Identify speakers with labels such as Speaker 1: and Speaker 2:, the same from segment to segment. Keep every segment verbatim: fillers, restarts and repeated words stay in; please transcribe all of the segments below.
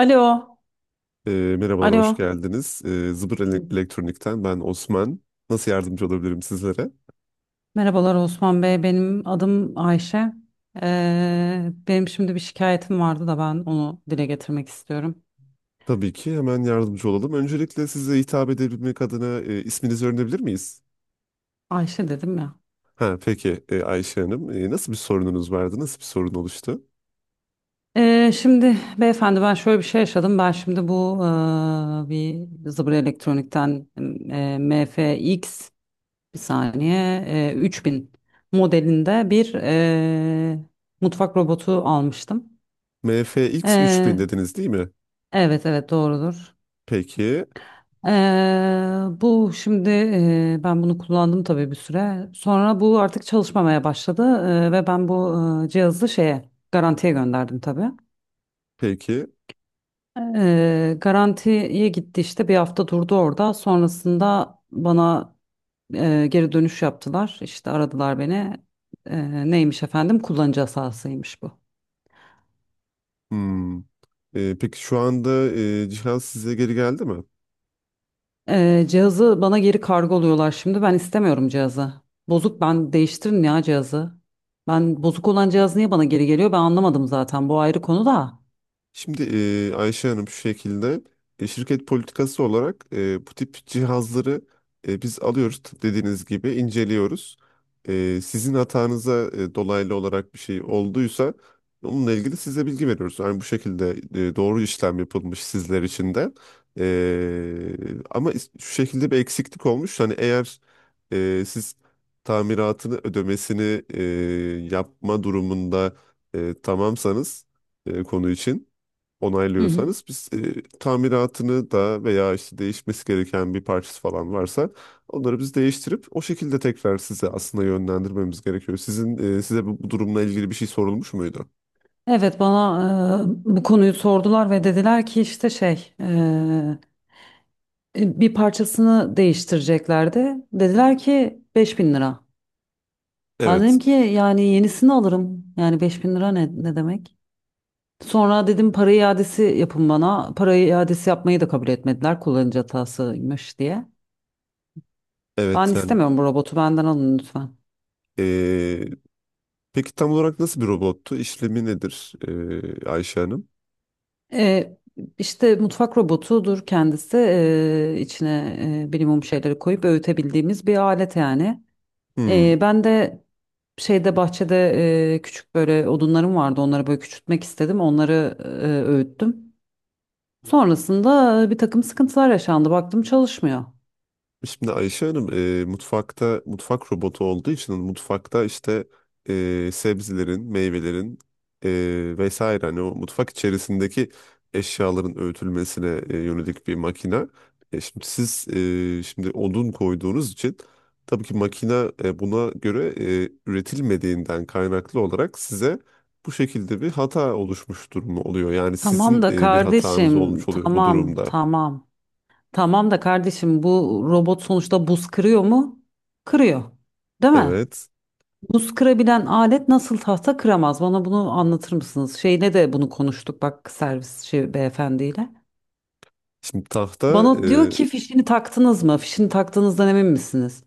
Speaker 1: Alo,
Speaker 2: Ee, merhabalar, hoş
Speaker 1: alo.
Speaker 2: geldiniz. Ee, Zıbır Ele- Elektronik'ten ben Osman. Nasıl yardımcı olabilirim sizlere?
Speaker 1: Merhabalar Osman Bey, benim adım Ayşe. Ee, benim şimdi bir şikayetim vardı da ben onu dile getirmek istiyorum.
Speaker 2: Tabii ki hemen yardımcı olalım. Öncelikle size hitap edebilmek adına e, isminizi öğrenebilir miyiz?
Speaker 1: Ayşe dedim ya.
Speaker 2: Ha, peki e, Ayşe Hanım, e, nasıl bir sorununuz vardı? Nasıl bir sorun oluştu?
Speaker 1: Ee, şimdi beyefendi ben şöyle bir şey yaşadım. Ben şimdi bu eee, bir Zıbır Elektronik'ten eee, M F X, bir saniye, eee, üç bin modelinde bir eee, mutfak robotu almıştım.
Speaker 2: M F X üç bin
Speaker 1: Eee,
Speaker 2: dediniz değil mi?
Speaker 1: evet evet doğrudur.
Speaker 2: Peki,
Speaker 1: Eee, bu şimdi eee, ben bunu kullandım tabii bir süre. Sonra bu artık çalışmamaya başladı eee, ve ben bu eee, cihazı şeye garantiye gönderdim tabii.
Speaker 2: peki.
Speaker 1: Eee, garantiye gitti işte bir hafta durdu orada. Sonrasında bana eee, geri dönüş yaptılar. İşte aradılar beni. Eee, neymiş efendim? Kullanıcı hatasıymış bu.
Speaker 2: Hmm. Ee, peki şu anda e, Cihan size geri geldi mi?
Speaker 1: Ee, cihazı bana geri kargoluyorlar şimdi. Ben istemiyorum cihazı. Bozuk, ben değiştirin ya cihazı. Ben bozuk olan cihaz niye bana geri geliyor? Ben anlamadım zaten. Bu ayrı konu da.
Speaker 2: Şimdi e, Ayşe Hanım şu şekilde, e, şirket politikası olarak e, bu tip cihazları e, biz alıyoruz tıp dediğiniz gibi inceliyoruz. E, sizin hatanıza e, dolaylı olarak bir şey olduysa onunla ilgili size bilgi veriyoruz. Yani bu şekilde e, doğru işlem yapılmış sizler için de. E, ama is- şu şekilde bir eksiklik olmuş. Hani eğer e, siz tamiratını ödemesini e, yapma durumunda e, tamamsanız e, konu için
Speaker 1: Hı hı.
Speaker 2: onaylıyorsanız biz e, tamiratını da veya işte değişmesi gereken bir parçası falan varsa onları biz değiştirip o şekilde tekrar size aslında yönlendirmemiz gerekiyor. Sizin e, size bu, bu durumla ilgili bir şey sorulmuş muydu?
Speaker 1: Evet, bana e, bu konuyu sordular ve dediler ki işte şey, e, e, bir parçasını değiştireceklerdi. Dediler ki beş bin lira. Ben
Speaker 2: Evet.
Speaker 1: dedim ki yani yenisini alırım. Yani beş bin lira ne, ne demek? Sonra dedim para iadesi yapın bana. Para iadesi yapmayı da kabul etmediler, kullanıcı hatasıymış diye. Ben
Speaker 2: Evet yani,
Speaker 1: istemiyorum, bu robotu benden alın lütfen.
Speaker 2: e, peki tam olarak nasıl bir robottu? İşlemi nedir e, Ayşe Hanım?
Speaker 1: Ee, işte mutfak robotudur kendisi. Ee, içine e, bilimum şeyleri koyup öğütebildiğimiz bir alet yani. Ee,
Speaker 2: Hmm.
Speaker 1: ben de şeyde, bahçede e, küçük böyle odunlarım vardı. Onları böyle küçültmek istedim. Onları e, öğüttüm. Sonrasında bir takım sıkıntılar yaşandı. Baktım çalışmıyor.
Speaker 2: Şimdi Ayşe Hanım, e, mutfakta mutfak robotu olduğu için mutfakta işte, e, sebzelerin, meyvelerin e, vesaire hani o mutfak içerisindeki eşyaların öğütülmesine e, yönelik bir makine. E, şimdi siz, e, şimdi odun koyduğunuz için tabii ki makine e, buna göre e, üretilmediğinden kaynaklı olarak size bu şekilde bir hata oluşmuş durumu oluyor. Yani sizin
Speaker 1: Tamam da
Speaker 2: e, bir hatanız
Speaker 1: kardeşim,
Speaker 2: olmuş oluyor bu
Speaker 1: tamam,
Speaker 2: durumda.
Speaker 1: tamam. Tamam da kardeşim, bu robot sonuçta buz kırıyor mu? Kırıyor. Değil mi?
Speaker 2: Evet.
Speaker 1: Buz kırabilen alet nasıl tahta kıramaz? Bana bunu anlatır mısınız? Şeyle de bunu konuştuk bak, servis şey, beyefendiyle.
Speaker 2: Şimdi tahta
Speaker 1: Bana diyor ki fişini taktınız mı? Fişini taktığınızdan emin misiniz?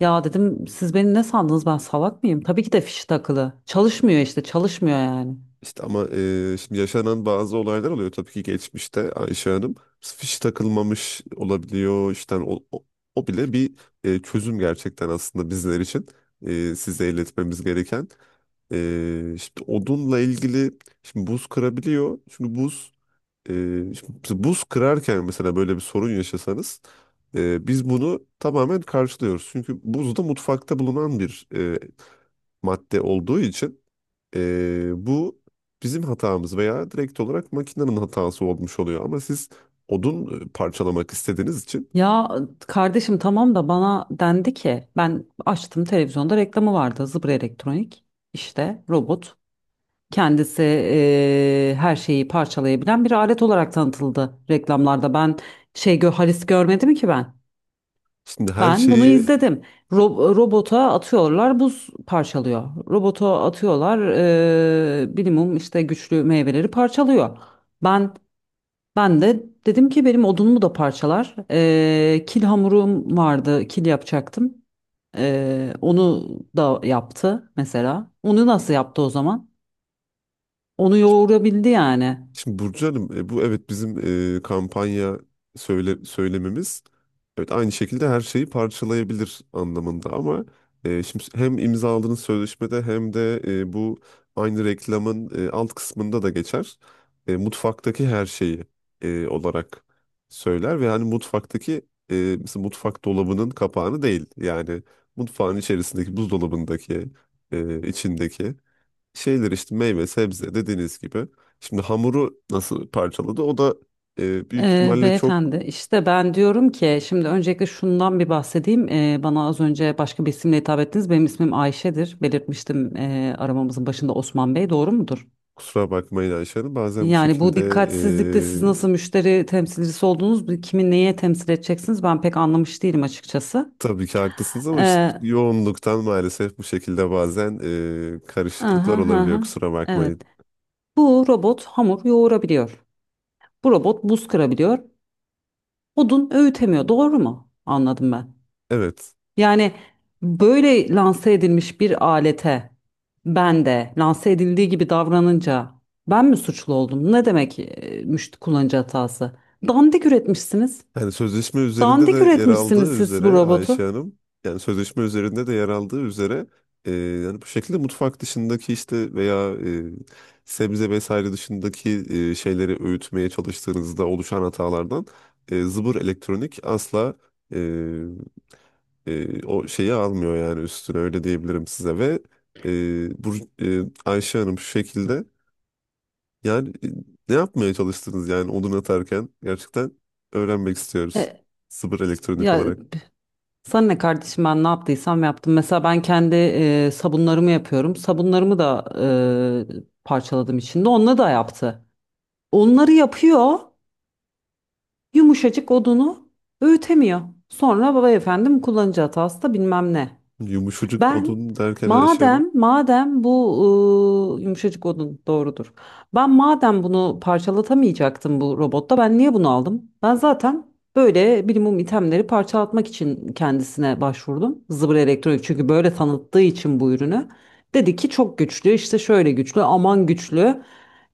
Speaker 1: Ya dedim siz beni ne sandınız, ben salak mıyım? Tabii ki de fişi takılı. Çalışmıyor işte, çalışmıyor yani.
Speaker 2: İşte ama e, şimdi yaşanan bazı olaylar oluyor tabii ki geçmişte Ayşe Hanım. Fiş takılmamış olabiliyor. İşte o, o, o bile bir e, çözüm gerçekten aslında bizler için. E, size iletmemiz gereken. E, işte odunla ilgili şimdi buz kırabiliyor. Çünkü buz e, şimdi buz kırarken mesela böyle bir sorun yaşasanız e, biz bunu tamamen karşılıyoruz. Çünkü buz da mutfakta bulunan bir e, madde olduğu için ee, bu bizim hatamız veya direkt olarak makinenin hatası olmuş oluyor. Ama siz odun e, parçalamak istediğiniz için
Speaker 1: Ya kardeşim, tamam da bana dendi ki, ben açtım televizyonda reklamı vardı, Zıbra Elektronik işte robot kendisi eee, her şeyi parçalayabilen bir alet olarak tanıtıldı reklamlarda. Ben şey gö Halis görmedim ki, ben
Speaker 2: şimdi her
Speaker 1: ben bunu
Speaker 2: şeyi
Speaker 1: izledim. Ro- robota atıyorlar, buz parçalıyor, robota atıyorlar, eee minimum işte güçlü meyveleri parçalıyor. Ben ben de dedim ki benim odunumu da parçalar. Ee, kil hamurum vardı, kil yapacaktım. Ee, onu da yaptı mesela. Onu nasıl yaptı o zaman? Onu yoğurabildi yani.
Speaker 2: Şimdi Burcu Hanım, e, bu evet bizim e, kampanya söyle, söylememiz evet aynı şekilde her şeyi parçalayabilir anlamında ama e, şimdi hem imzaladığınız sözleşmede hem de e, bu aynı reklamın e, alt kısmında da geçer. E, mutfaktaki her şeyi, e, olarak söyler ve hani mutfaktaki e, mesela mutfak dolabının kapağını değil yani mutfağın içerisindeki buzdolabındaki e, içindeki şeyler işte meyve, sebze dediğiniz gibi. Şimdi hamuru nasıl parçaladı? O da e, büyük
Speaker 1: Ee,
Speaker 2: ihtimalle çok.
Speaker 1: beyefendi işte ben diyorum ki şimdi öncelikle şundan bir bahsedeyim. Ee, bana az önce başka bir isimle hitap ettiniz. Benim ismim Ayşe'dir. Belirtmiştim ee, aramamızın başında Osman Bey. Doğru mudur?
Speaker 2: Kusura bakmayın Ayşe Hanım. Bazen bu
Speaker 1: Yani bu
Speaker 2: şekilde,
Speaker 1: dikkatsizlikte siz nasıl
Speaker 2: e,
Speaker 1: müşteri temsilcisi oldunuz, bu kimi neye temsil edeceksiniz, ben pek anlamış değilim açıkçası.
Speaker 2: tabii ki haklısınız ama işte
Speaker 1: Ee,
Speaker 2: yoğunluktan maalesef bu şekilde bazen e,
Speaker 1: aha,
Speaker 2: karışıklıklar olabiliyor
Speaker 1: aha,
Speaker 2: kusura bakmayın.
Speaker 1: evet. Bu robot hamur yoğurabiliyor. Bu robot buz kırabiliyor. Odun öğütemiyor. Doğru mu? Anladım ben.
Speaker 2: Evet.
Speaker 1: Yani böyle lanse edilmiş bir alete ben de lanse edildiği gibi davranınca ben mi suçlu oldum? Ne demek e, müşteri kullanıcı hatası? Dandik üretmişsiniz.
Speaker 2: Yani sözleşme üzerinde
Speaker 1: Dandik
Speaker 2: de yer
Speaker 1: üretmişsiniz
Speaker 2: aldığı
Speaker 1: siz bu
Speaker 2: üzere Ayşe
Speaker 1: robotu.
Speaker 2: Hanım, yani sözleşme üzerinde de yer aldığı üzere e, yani bu şekilde mutfak dışındaki işte veya e, sebze vesaire dışındaki e, şeyleri öğütmeye çalıştığınızda oluşan hatalardan e, Zıbır Elektronik asla e, e, o şeyi almıyor yani üstüne öyle diyebilirim size ve e, bu e, Ayşe Hanım şu şekilde yani e, ne yapmaya çalıştınız yani odun atarken? Gerçekten öğrenmek istiyoruz.
Speaker 1: E,
Speaker 2: Sıfır elektronik
Speaker 1: ya
Speaker 2: olarak.
Speaker 1: sana ne kardeşim, ben ne yaptıysam yaptım. Mesela ben kendi e, sabunlarımı yapıyorum. Sabunlarımı da e, parçaladım içinde. Onunla da yaptı. Onları yapıyor. Yumuşacık odunu öğütemiyor. Sonra baba efendim kullanıcı hatası da bilmem ne.
Speaker 2: Yumuşacık
Speaker 1: Ben
Speaker 2: odun derken Ayşe Hanım.
Speaker 1: madem madem bu e, yumuşacık odun doğrudur. Ben madem bunu parçalatamayacaktım bu robotta, ben niye bunu aldım? Ben zaten böyle minimum itemleri parçalatmak için kendisine başvurdum. Zıbır Elektronik, çünkü böyle tanıttığı için bu ürünü. Dedi ki çok güçlü işte, şöyle güçlü, aman güçlü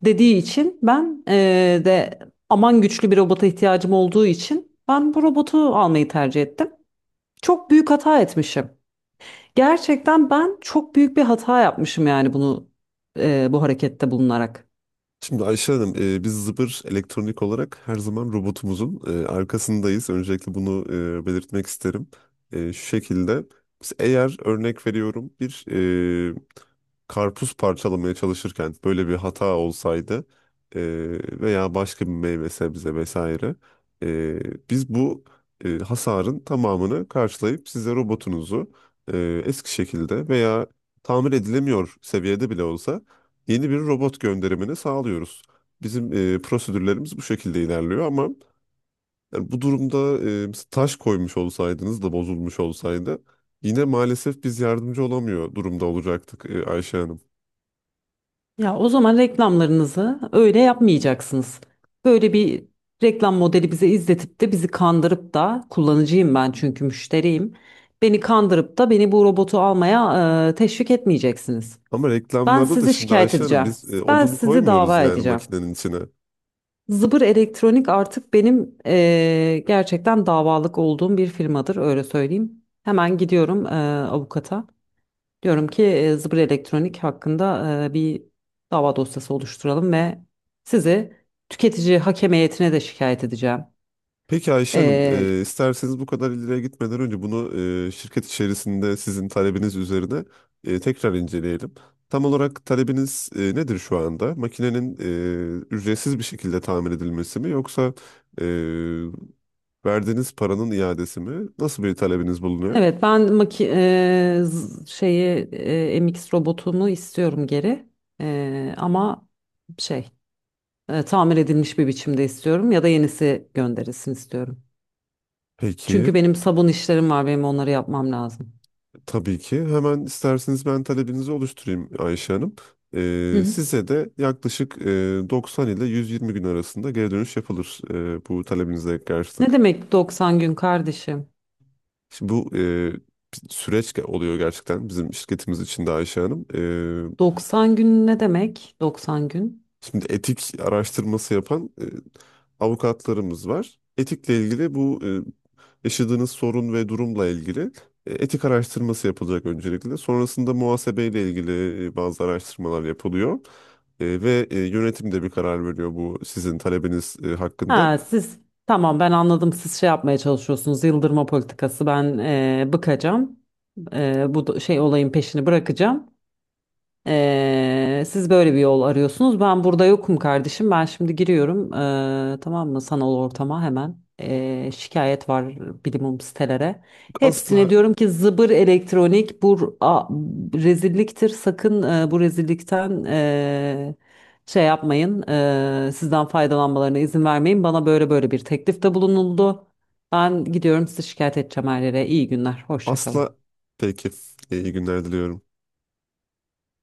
Speaker 1: dediği için ben e, de, aman güçlü bir robota ihtiyacım olduğu için ben bu robotu almayı tercih ettim. Çok büyük hata etmişim. Gerçekten ben çok büyük bir hata yapmışım yani bunu e, bu harekette bulunarak.
Speaker 2: Şimdi Ayşe Hanım, e, biz Zıbır Elektronik olarak her zaman robotumuzun e, arkasındayız. Öncelikle bunu e, belirtmek isterim. E, şu şekilde, biz eğer örnek veriyorum bir e, karpuz parçalamaya çalışırken böyle bir hata olsaydı e, veya başka bir meyve sebze vesaire, e, biz bu e, hasarın tamamını karşılayıp size robotunuzu e, eski şekilde veya tamir edilemiyor seviyede bile olsa yeni bir robot gönderimini sağlıyoruz. Bizim e, prosedürlerimiz bu şekilde ilerliyor ama yani bu durumda e, mesela taş koymuş olsaydınız da bozulmuş olsaydı yine maalesef biz yardımcı olamıyor durumda olacaktık e, Ayşe Hanım.
Speaker 1: Ya o zaman reklamlarınızı öyle yapmayacaksınız. Böyle bir reklam modeli bize izletip de bizi kandırıp da, kullanıcıyım ben çünkü, müşteriyim. Beni kandırıp da beni bu robotu almaya e, teşvik etmeyeceksiniz.
Speaker 2: Ama
Speaker 1: Ben
Speaker 2: reklamlarda da
Speaker 1: sizi
Speaker 2: şimdi
Speaker 1: şikayet
Speaker 2: Ayşe Hanım
Speaker 1: edeceğim.
Speaker 2: biz e,
Speaker 1: Ben
Speaker 2: odun
Speaker 1: sizi
Speaker 2: koymuyoruz
Speaker 1: dava
Speaker 2: yani
Speaker 1: edeceğim.
Speaker 2: makinenin içine.
Speaker 1: Zıbır Elektronik artık benim eee, gerçekten davalık olduğum bir firmadır, öyle söyleyeyim. Hemen gidiyorum eee, avukata. Diyorum ki eee, Zıbır Elektronik hakkında eee, bir dava dosyası oluşturalım ve sizi tüketici hakem heyetine de şikayet edeceğim.
Speaker 2: Peki Ayşe Hanım,
Speaker 1: Eee,
Speaker 2: e, isterseniz bu kadar ileriye gitmeden önce bunu e, şirket içerisinde sizin talebiniz üzerine e, tekrar inceleyelim. Tam olarak talebiniz e, nedir şu anda? Makinenin e, ücretsiz bir şekilde tamir edilmesi mi yoksa e, verdiğiniz paranın iadesi mi? Nasıl bir talebiniz bulunuyor?
Speaker 1: evet ben maki eee, z- şeyi eee, M X robotumu istiyorum geri. Eee, ama şey, e, tamir edilmiş bir biçimde istiyorum ya da yenisi gönderilsin istiyorum.
Speaker 2: Peki.
Speaker 1: Çünkü benim sabun işlerim var, benim onları yapmam lazım.
Speaker 2: Tabii ki. Hemen isterseniz ben talebinizi oluşturayım Ayşe Hanım.
Speaker 1: Hı
Speaker 2: Ee,
Speaker 1: hı.
Speaker 2: size de yaklaşık e, doksan ile yüz yirmi gün arasında geri dönüş yapılır, e, bu talebinize
Speaker 1: Ne
Speaker 2: karşılık.
Speaker 1: demek doksan gün kardeşim?
Speaker 2: Şimdi bu e, bir süreç ge- oluyor gerçekten bizim şirketimiz için de Ayşe Hanım. Ee,
Speaker 1: doksan gün ne demek? doksan gün.
Speaker 2: Şimdi etik araştırması yapan e, avukatlarımız var. Etikle ilgili bu e, yaşadığınız sorun ve durumla ilgili e, etik araştırması yapılacak öncelikle. Sonrasında muhasebeyle ilgili e, bazı araştırmalar yapılıyor. E, ve e, yönetim de bir karar veriyor bu sizin talebiniz e, hakkında.
Speaker 1: Ha siz, tamam ben anladım, siz şey yapmaya çalışıyorsunuz, yıldırma politikası, ben e, bıkacağım. E, bu da- şey olayın peşini bırakacağım. Ee, siz böyle bir yol arıyorsunuz. Ben burada yokum kardeşim. Ben şimdi giriyorum. ee, tamam mı? Sanal ortama hemen. Ee, şikayet var bilimum sitelere.
Speaker 2: Asla,
Speaker 1: Hepsine diyorum ki Zıbır Elektronik bu a- rezilliktir. Sakın e, bu rezillikten e, şey yapmayın. E, sizden faydalanmalarına izin vermeyin. Bana böyle böyle bir teklifte bulunuldu. Ben gidiyorum, sizi şikayet edeceğim her yere. İyi günler. Hoşça
Speaker 2: asla.
Speaker 1: kalın.
Speaker 2: Peki, e, iyi günler diliyorum.